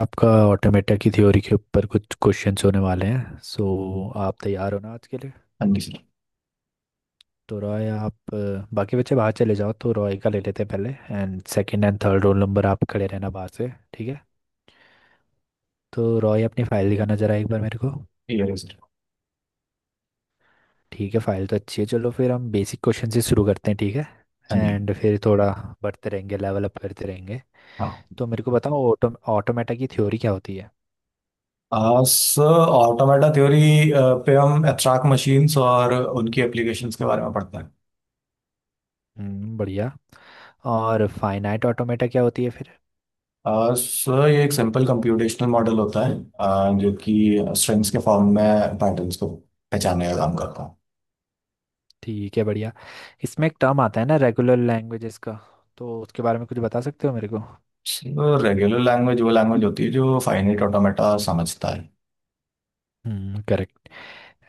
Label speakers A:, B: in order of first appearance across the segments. A: आपका ऑटोमेटा की थ्योरी के ऊपर कुछ क्वेश्चंस होने वाले हैं, सो आप तैयार हो ना आज के लिए।
B: हाँ जी सर।
A: तो रॉय, आप बाकी बच्चे बाहर चले जाओ, तो रॉय का ले लेते हैं पहले। And second and third roll number, आप खड़े रहना बाहर से। ठीक है। तो रॉय, अपनी फाइल दिखाना जरा एक बार मेरे को।
B: ये सर।
A: ठीक है, फाइल तो अच्छी है। चलो फिर हम बेसिक क्वेश्चन से शुरू करते हैं, ठीक है।
B: हाँ जी।
A: एंड फिर थोड़ा बढ़ते रहेंगे, लेवल अप करते रहेंगे। तो मेरे को बताओ, ऑटोमेटा की थ्योरी क्या होती है।
B: हाँ सर। ऑटोमेटा थ्योरी पे हम एब्स्ट्रैक्ट मशीन्स और उनकी एप्लीकेशंस के बारे में पढ़ते हैं।
A: बढ़िया। और फाइनाइट ऑटोमेटा क्या होती है फिर?
B: सर ये एक सिंपल कंप्यूटेशनल मॉडल होता है, जो कि स्ट्रिंग्स के फॉर्म में पैटर्न्स को पहचानने का काम करता है।
A: ठीक है, बढ़िया। इसमें एक टर्म आता है ना, रेगुलर लैंग्वेजेस का, तो उसके बारे में कुछ बता सकते हो मेरे को?
B: सर रेगुलर लैंग्वेज वो लैंग्वेज होती है जो फाइनाइट ऑटोमेटा समझता है।
A: हम्म, करेक्ट।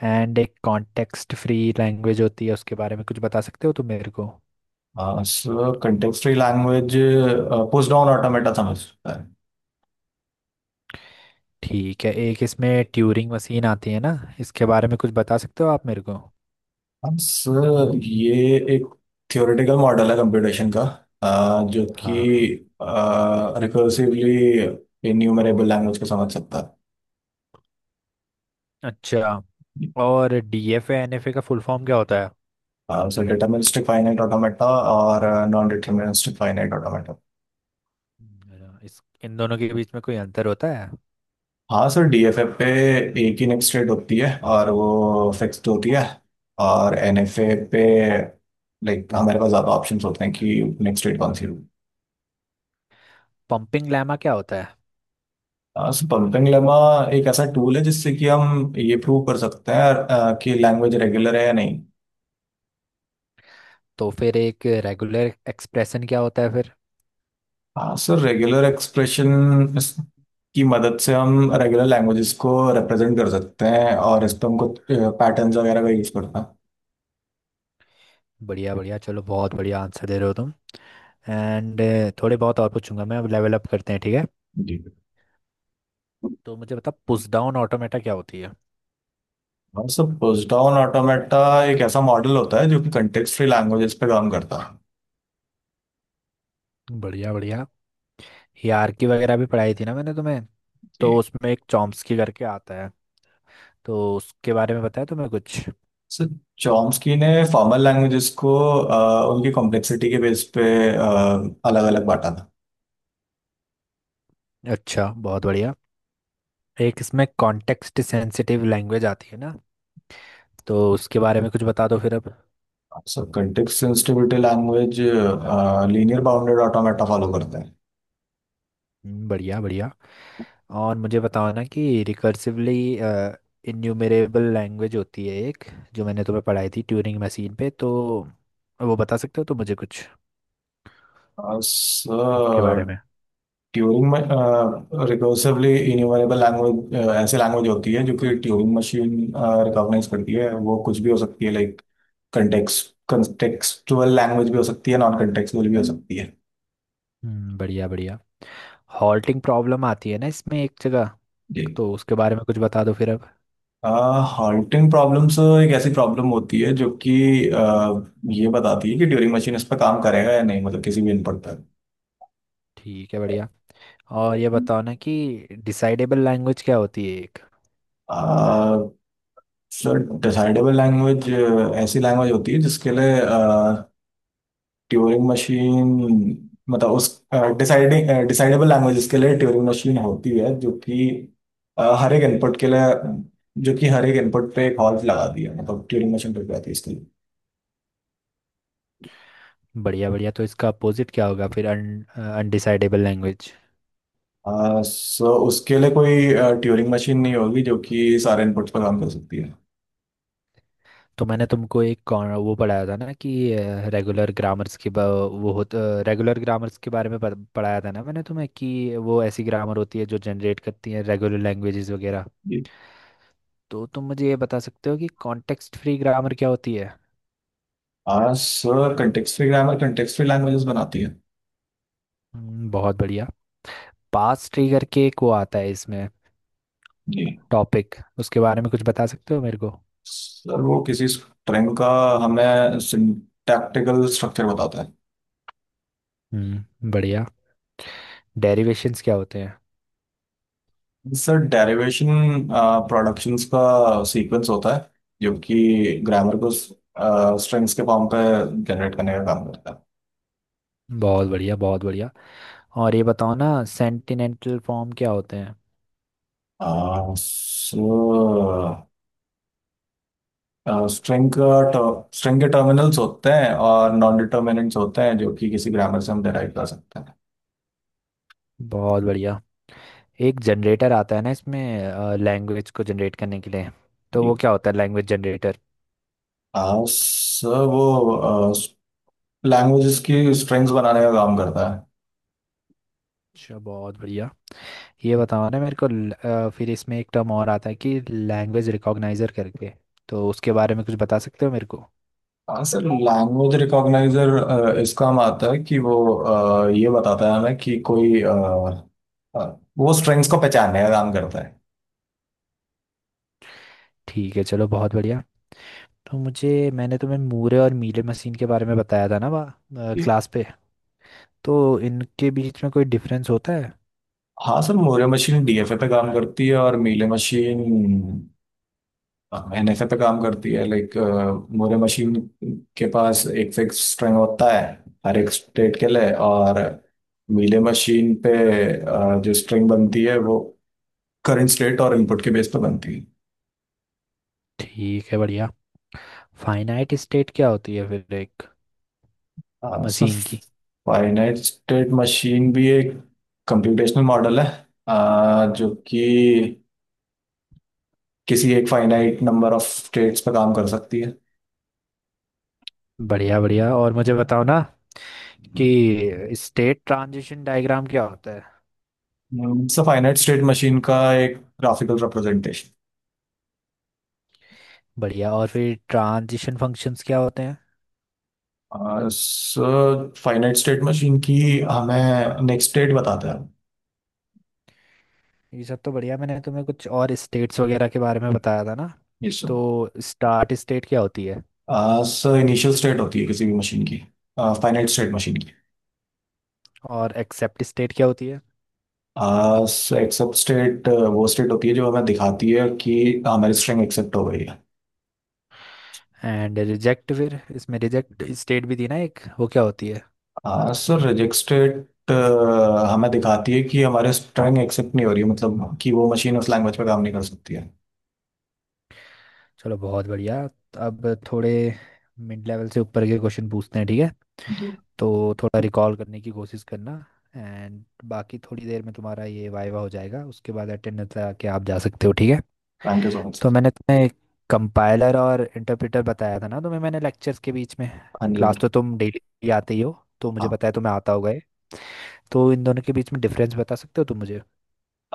A: एंड एक कॉन्टेक्स्ट फ्री लैंग्वेज होती है, उसके बारे में कुछ बता सकते हो तुम मेरे को?
B: Sir context free language push down automata समझता है।
A: ठीक है। एक इसमें ट्यूरिंग मशीन आती है ना, इसके बारे में कुछ बता सकते हो आप मेरे को?
B: अब सर ये एक थ्योरेटिकल मॉडल है कंप्यूटेशन का, जो कि
A: हाँ।
B: रिकर्सिवली इन्यूमरेबल लैंग्वेज को समझ सकता है।
A: अच्छा। और डीएफए एनएफए का फुल फॉर्म क्या होता है?
B: सर डिटर्मिनिस्टिक फाइनाइट ऑटोमेटा और नॉन डिटर्मिनिस्टिक फाइनाइट ऑटोमेटा।
A: इस इन दोनों के बीच में कोई अंतर होता है?
B: हाँ सर डीएफएफ पे एक ही नेक्स्ट स्टेट होती है और वो फिक्स्ड होती है, और एनएफए पे लाइक हमारे पास ज़्यादा ऑप्शंस होते हैं कि नेक्स्ट स्टेट कौन सी होगी।
A: पंपिंग लैमा क्या होता है?
B: पंपिंग लेमा एक ऐसा टूल है जिससे कि हम ये प्रूव कर सकते हैं कि लैंग्वेज रेगुलर है या नहीं।
A: तो फिर एक रेगुलर एक्सप्रेशन क्या होता है फिर?
B: हाँ सर रेगुलर एक्सप्रेशन की मदद से हम रेगुलर लैंग्वेजेस को रिप्रेजेंट कर सकते हैं और इस पर हमको पैटर्न्स वगैरह का यूज करना है।
A: बढ़िया बढ़िया, चलो बहुत बढ़िया आंसर दे रहे हो तुम। एंड थोड़े बहुत और पूछूंगा मैं, अब लेवल अप करते हैं, ठीक है।
B: जी।
A: तो मुझे बता, पुश डाउन ऑटोमेटा क्या होती है?
B: हाँ सर पुश डाउन ऑटोमेटा एक ऐसा मॉडल होता है जो कि कंटेक्स्ट फ्री लैंग्वेजेस पे काम करता है।
A: बढ़िया बढ़िया। हायरार्की वगैरह भी पढ़ाई थी ना मैंने तुम्हें, तो
B: जी।
A: उसमें एक चॉम्स्की करके आता है, तो उसके बारे में बताया तुम्हें कुछ?
B: सर चॉम्स्की ने फॉर्मल लैंग्वेजेस को उनकी कॉम्प्लेक्सिटी के बेस पे अलग अलग बांटा था।
A: अच्छा, बहुत बढ़िया। एक इसमें कॉन्टेक्स्ट सेंसिटिव लैंग्वेज आती है ना, तो उसके बारे में कुछ बता दो फिर अब।
B: Sir context sensitivity language linear bounded automata follow करते हैं।
A: बढ़िया बढ़िया। और मुझे बताओ ना कि रिकर्सिवली इन्यूमरेबल लैंग्वेज होती है एक, जो मैंने तुम्हें पढ़ाई थी ट्यूरिंग मशीन पे, तो वो बता सकते हो तो मुझे कुछ उसके
B: सर
A: बारे में।
B: ट्यूरिंग में रिकर्सिवली इन्यूमरेबल लैंग्वेज ऐसी लैंग्वेज होती है जो कि ट्यूरिंग मशीन रिकॉग्नाइज करती है। वो कुछ भी हो सकती है, लाइक कंटेक्स्ट कंटेक्सचुअल लैंग्वेज भी हो सकती है, नॉन कंटेक्सुअल भी हो सकती है।
A: हम्म, बढ़िया बढ़िया। हॉल्टिंग प्रॉब्लम आती है ना इसमें एक जगह,
B: जी।
A: तो उसके बारे में कुछ बता दो फिर अब।
B: हॉन्टिंग प्रॉब्लम्स एक ऐसी प्रॉब्लम होती है जो कि अह, ये बताती है कि ड्यूरिंग मशीन इस पर काम करेगा या नहीं, मतलब किसी भी इनपुट पर।
A: ठीक है, बढ़िया। और ये बताओ ना कि डिसाइडेबल लैंग्वेज क्या होती है एक?
B: अह, सर डिसाइडेबल लैंग्वेज ऐसी लैंग्वेज होती है जिसके लिए ट्यूरिंग मशीन मतलब उस डिसाइडिंग डिसाइडेबल लैंग्वेज के लिए ट्यूरिंग मशीन होती है जो कि हर एक इनपुट के लिए जो कि हर एक इनपुट पे एक हॉल्ट लगाती है, मतलब ट्यूरिंग मशीन पे लगाती है इसके लिए।
A: बढ़िया बढ़िया, तो इसका अपोजिट क्या होगा फिर, अन अनडिसाइडेबल लैंग्वेज?
B: सो उसके लिए कोई ट्यूरिंग मशीन नहीं होगी जो कि सारे इनपुट्स पर काम कर सकती है।
A: तो मैंने तुमको एक वो पढ़ाया था ना कि रेगुलर ग्रामर्स के बा- वो होता रेगुलर ग्रामर्स के बारे में पढ़ाया था ना मैंने तुम्हें कि वो ऐसी ग्रामर होती है जो जनरेट करती है रेगुलर लैंग्वेजेस वगैरह।
B: जी।
A: तो तुम मुझे ये बता सकते हो कि कॉन्टेक्स्ट फ्री ग्रामर क्या होती है?
B: Sir context free grammar context free languages बनाती है।
A: बहुत बढ़िया। पास्ट ट्री करके एक वो आता है इसमें
B: जी।
A: टॉपिक, उसके बारे में कुछ बता सकते हो मेरे को?
B: सर वो किसी स्ट्रिंग का हमें सिंटैक्टिकल स्ट्रक्चर बताता है।
A: हम्म, बढ़िया। डेरिवेशंस क्या होते हैं?
B: सर डेरिवेशन प्रोडक्शंस का सीक्वेंस होता है जो कि ग्रामर को स्ट्रिंग्स के फॉर्म पे जनरेट करने का काम करता
A: बहुत बढ़िया, बहुत बढ़िया। और ये बताओ ना, सेंटिनेंटल फॉर्म क्या होते हैं?
B: है। सो स्ट्रिंग का स्ट्रिंग के टर्मिनल्स होते हैं और नॉन डिटर्मिनेंट्स होते हैं जो कि किसी ग्रामर से हम डिराइव कर सकते हैं।
A: बहुत बढ़िया। एक जनरेटर आता है ना इसमें, लैंग्वेज को जनरेट करने के लिए, तो
B: जी।
A: वो क्या होता है लैंग्वेज जनरेटर?
B: आ, सर वो लैंग्वेजेस की स्ट्रिंग्स बनाने का काम करता है।
A: अच्छा, बहुत बढ़िया। ये बताओ ना मेरे को फिर इसमें एक टर्म और आता है कि लैंग्वेज रिकॉग्नाइजर करके, तो उसके बारे में कुछ बता सकते हो मेरे को?
B: हाँ सर लैंग्वेज रिकॉग्नाइजर इसका काम आता है कि वो ये बताता है हमें कि आ, वो स्ट्रिंग्स को पहचानने का काम करता है।
A: ठीक है, चलो बहुत बढ़िया। तो मुझे मैंने तुम्हें मूरे और मीले मशीन के बारे में बताया था ना वहाँ
B: जी।
A: क्लास पे, तो इनके बीच में कोई डिफरेंस होता है?
B: हाँ सर मोरे मशीन डीएफए पे काम करती है और मीले मशीन एनएफए पे काम करती है। लाइक मोरे मशीन के पास एक फिक्स स्ट्रिंग होता है हर एक स्टेट के लिए, और मीले मशीन पे जो स्ट्रिंग बनती है वो करंट स्टेट और इनपुट के बेस पे बनती
A: ठीक है, बढ़िया। फाइनाइट स्टेट क्या होती है फिर, एक
B: है। सो
A: मशीन की?
B: फाइनाइट स्टेट मशीन भी एक कंप्यूटेशनल मॉडल है, जो कि किसी एक फाइनाइट नंबर ऑफ स्टेट्स पे काम कर सकती है।
A: बढ़िया बढ़िया। और मुझे बताओ ना कि स्टेट ट्रांजिशन डायग्राम क्या होता है?
B: सो फाइनाइट स्टेट मशीन का एक ग्राफिकल रिप्रेजेंटेशन।
A: बढ़िया। और फिर ट्रांजिशन फंक्शंस क्या होते हैं?
B: सर फाइनाइट स्टेट मशीन की हमें नेक्स्ट स्टेट बताता है।
A: ये सब तो बढ़िया। मैंने तुम्हें कुछ और स्टेट्स वगैरह के बारे में बताया था ना,
B: यस।
A: तो स्टार्ट स्टेट क्या होती है?
B: सर सर इनिशियल स्टेट होती है किसी भी मशीन की, फाइनाइट स्टेट मशीन की।
A: और एक्सेप्ट स्टेट क्या होती है?
B: सर एक्सेप्ट स्टेट वो स्टेट होती है जो हमें दिखाती है कि हमारी स्ट्रिंग एक्सेप्ट हो गई।
A: एंड रिजेक्ट, फिर इसमें रिजेक्ट स्टेट भी थी ना एक, वो क्या होती है?
B: है सर
A: सॉरी।
B: रिजेक्ट स्टेट हमें दिखाती है कि हमारे स्ट्रिंग एक्सेप्ट नहीं हो रही है, मतलब कि वो मशीन उस लैंग्वेज पे काम नहीं कर सकती है।
A: चलो बहुत बढ़िया। अब थोड़े मिड लेवल से ऊपर के क्वेश्चन पूछते हैं, ठीक है। तो थोड़ा रिकॉल करने की कोशिश करना। एंड बाकी थोड़ी देर में तुम्हारा ये वाइवा हो जाएगा, उसके बाद अटेंडेंस लगा के आप जा सकते हो, ठीक है।
B: थैंक यू सो
A: तो
B: मच।
A: मैंने तुम्हें कंपाइलर और इंटरप्रेटर बताया था ना तुम्हें मैंने, लेक्चर्स के बीच में।
B: हाँ जी
A: क्लास
B: सर।
A: तो तुम डेली आते ही हो, तो मुझे
B: हाँ।
A: पता है तुम्हें आता होगा ये। तो इन दोनों के बीच में डिफरेंस बता सकते हो तुम मुझे?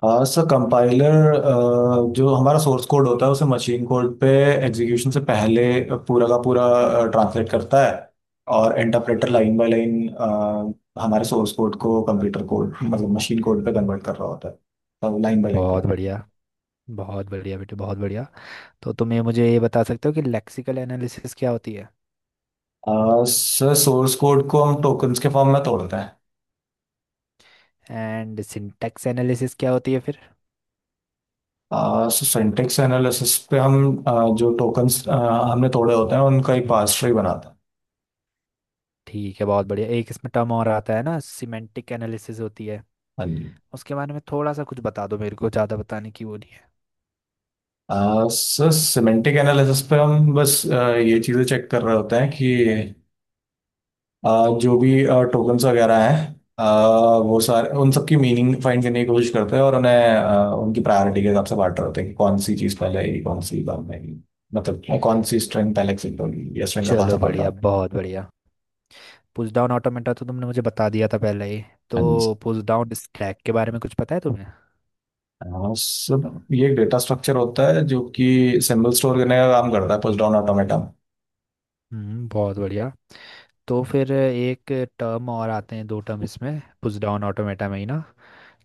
B: सर कंपाइलर जो हमारा सोर्स कोड होता है उसे मशीन कोड पे एग्जीक्यूशन से पहले पूरा का पूरा ट्रांसलेट करता है, और इंटरप्रेटर लाइन बाय लाइन हमारे सोर्स कोड को कंप्यूटर कोड मतलब मशीन कोड पे कन्वर्ट कर रहा होता है, तो लाइन बाय लाइन कर
A: बहुत
B: रहा
A: बढ़िया, बहुत बढ़िया बेटे, बहुत बढ़िया। तो तुम ये मुझे ये बता सकते हो कि लेक्सिकल एनालिसिस क्या होती है?
B: है। सर सोर्स कोड को हम टोकन्स के फॉर्म में तोड़ते
A: एंड सिंटैक्स एनालिसिस क्या होती है फिर?
B: हैं। सो सिंटेक्स एनालिसिस पे हम अ, जो टोकन्स हमने तोड़े होते हैं उनका एक पास ट्री बनाते हैं।
A: ठीक है, बहुत बढ़िया। एक इसमें टर्म और आता है ना, सिमेंटिक एनालिसिस होती है,
B: हाँ जी।
A: उसके बारे में थोड़ा सा कुछ बता दो मेरे को, ज़्यादा बताने की वो नहीं है।
B: सर सिमेंटिक एनालिसिस पे हम बस ये चीज़ें चेक कर रहे होते हैं कि आ, जो भी टोकन्स वगैरह हैं आ, वो सारे उन सबकी मीनिंग फाइंड करने की कोशिश करते हैं और उन्हें उनकी प्रायोरिटी के हिसाब से बांट रहे होते हैं कि कौन सी चीज़ पहले आएगी कौन सी बाद में आएगी। मतलब कौन सी स्ट्रिंग पहले एक्सिट होगी या स्ट्रिंग का कौन सा
A: चलो
B: पार्ट रहा
A: बढ़िया,
B: है।
A: बहुत बढ़िया। पुश डाउन ऑटोमेटा तो तुमने मुझे बता दिया था पहले ही,
B: हाँ
A: तो
B: जी सर।
A: पुश डाउन स्टैक के बारे में कुछ पता है तुम्हें?
B: सर ये एक डेटा स्ट्रक्चर होता है जो कि सिंबल स्टोर करने का काम करता है पुश डाउन ऑटोमेटा।
A: हम्म, बहुत बढ़िया। तो फिर एक टर्म और आते हैं, दो टर्म इसमें पुश डाउन ऑटोमेटा में ही ना,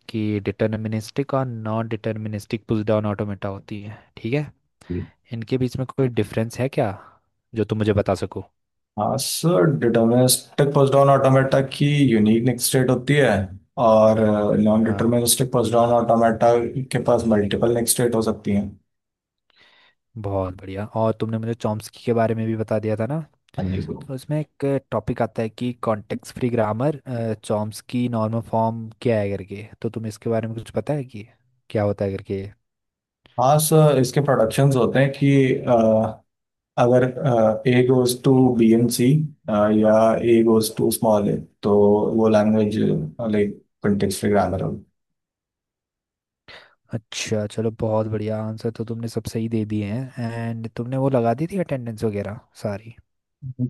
A: कि डिटर्मिनिस्टिक और non deterministic push down automata होती है, ठीक है। इनके बीच में कोई डिफरेंस है क्या, जो तुम मुझे बता सको?
B: हाँ sir deterministic push down automata की यूनिक नेक्स्ट स्टेट होती है, और नॉन
A: हाँ।
B: डिटर्मिनिस्टिक पुश डाउन ऑटोमेटा के पास मल्टीपल नेक्स्ट स्टेट हो सकती हैं।
A: बहुत बढ़िया, और तुमने मुझे चॉम्स्की के बारे में भी बता दिया था ना,
B: हाँ जी सर।
A: तो इसमें एक टॉपिक आता है कि context free grammar Chomsky normal form क्या है करके, तो तुम्हें इसके बारे में कुछ पता है कि क्या होता है करके?
B: हाँ सर इसके प्रोडक्शंस होते हैं कि अगर A goes to B and C, या A goes to small A, तो वो language like context free grammar होगी।
A: अच्छा, चलो बहुत बढ़िया आंसर तो तुमने सब सही दे दिए हैं। एंड तुमने वो लगा दी थी अटेंडेंस वगैरह सारी?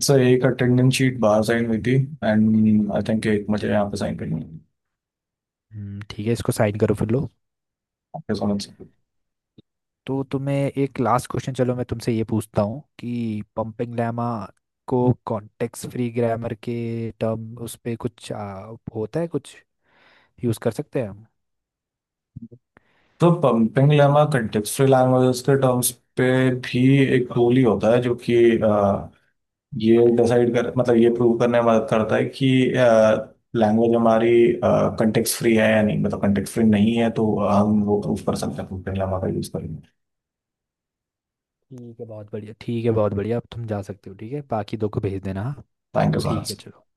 B: सर एक अटेंडेंस शीट बाहर साइन हुई थी, एंड आई थिंक एक मुझे यहाँ पे साइन करनी है।
A: ठीक है, इसको साइन करो फिर लो।
B: आपके समझ सकते हो।
A: तो तुम्हें एक लास्ट क्वेश्चन, चलो मैं तुमसे ये पूछता हूँ कि पंपिंग लैमा को कॉन्टेक्स्ट फ्री ग्रामर के टर्म उस पे कुछ होता है कुछ, यूज़ कर सकते हैं हम?
B: तो पंपिंग लेमा कंटेक्चुअल लैंग्वेजेस के टर्म्स पे भी एक टूल ही होता है जो कि ये डिसाइड कर मतलब ये प्रूव करने में मदद करता है कि लैंग्वेज हमारी कंटेक्स्ट फ्री है या नहीं, मतलब कंटेक्स्ट फ्री नहीं है तो हम वो प्रूव कर सकते हैं पंपिंग लेमा का यूज करेंगे।
A: ठीक है, बहुत बढ़िया। ठीक है, बहुत बढ़िया, अब तुम जा सकते हो, ठीक है, बाकी दो को भेज देना, हाँ।
B: थैंक यू सो
A: ठीक है,
B: मच।
A: चलो।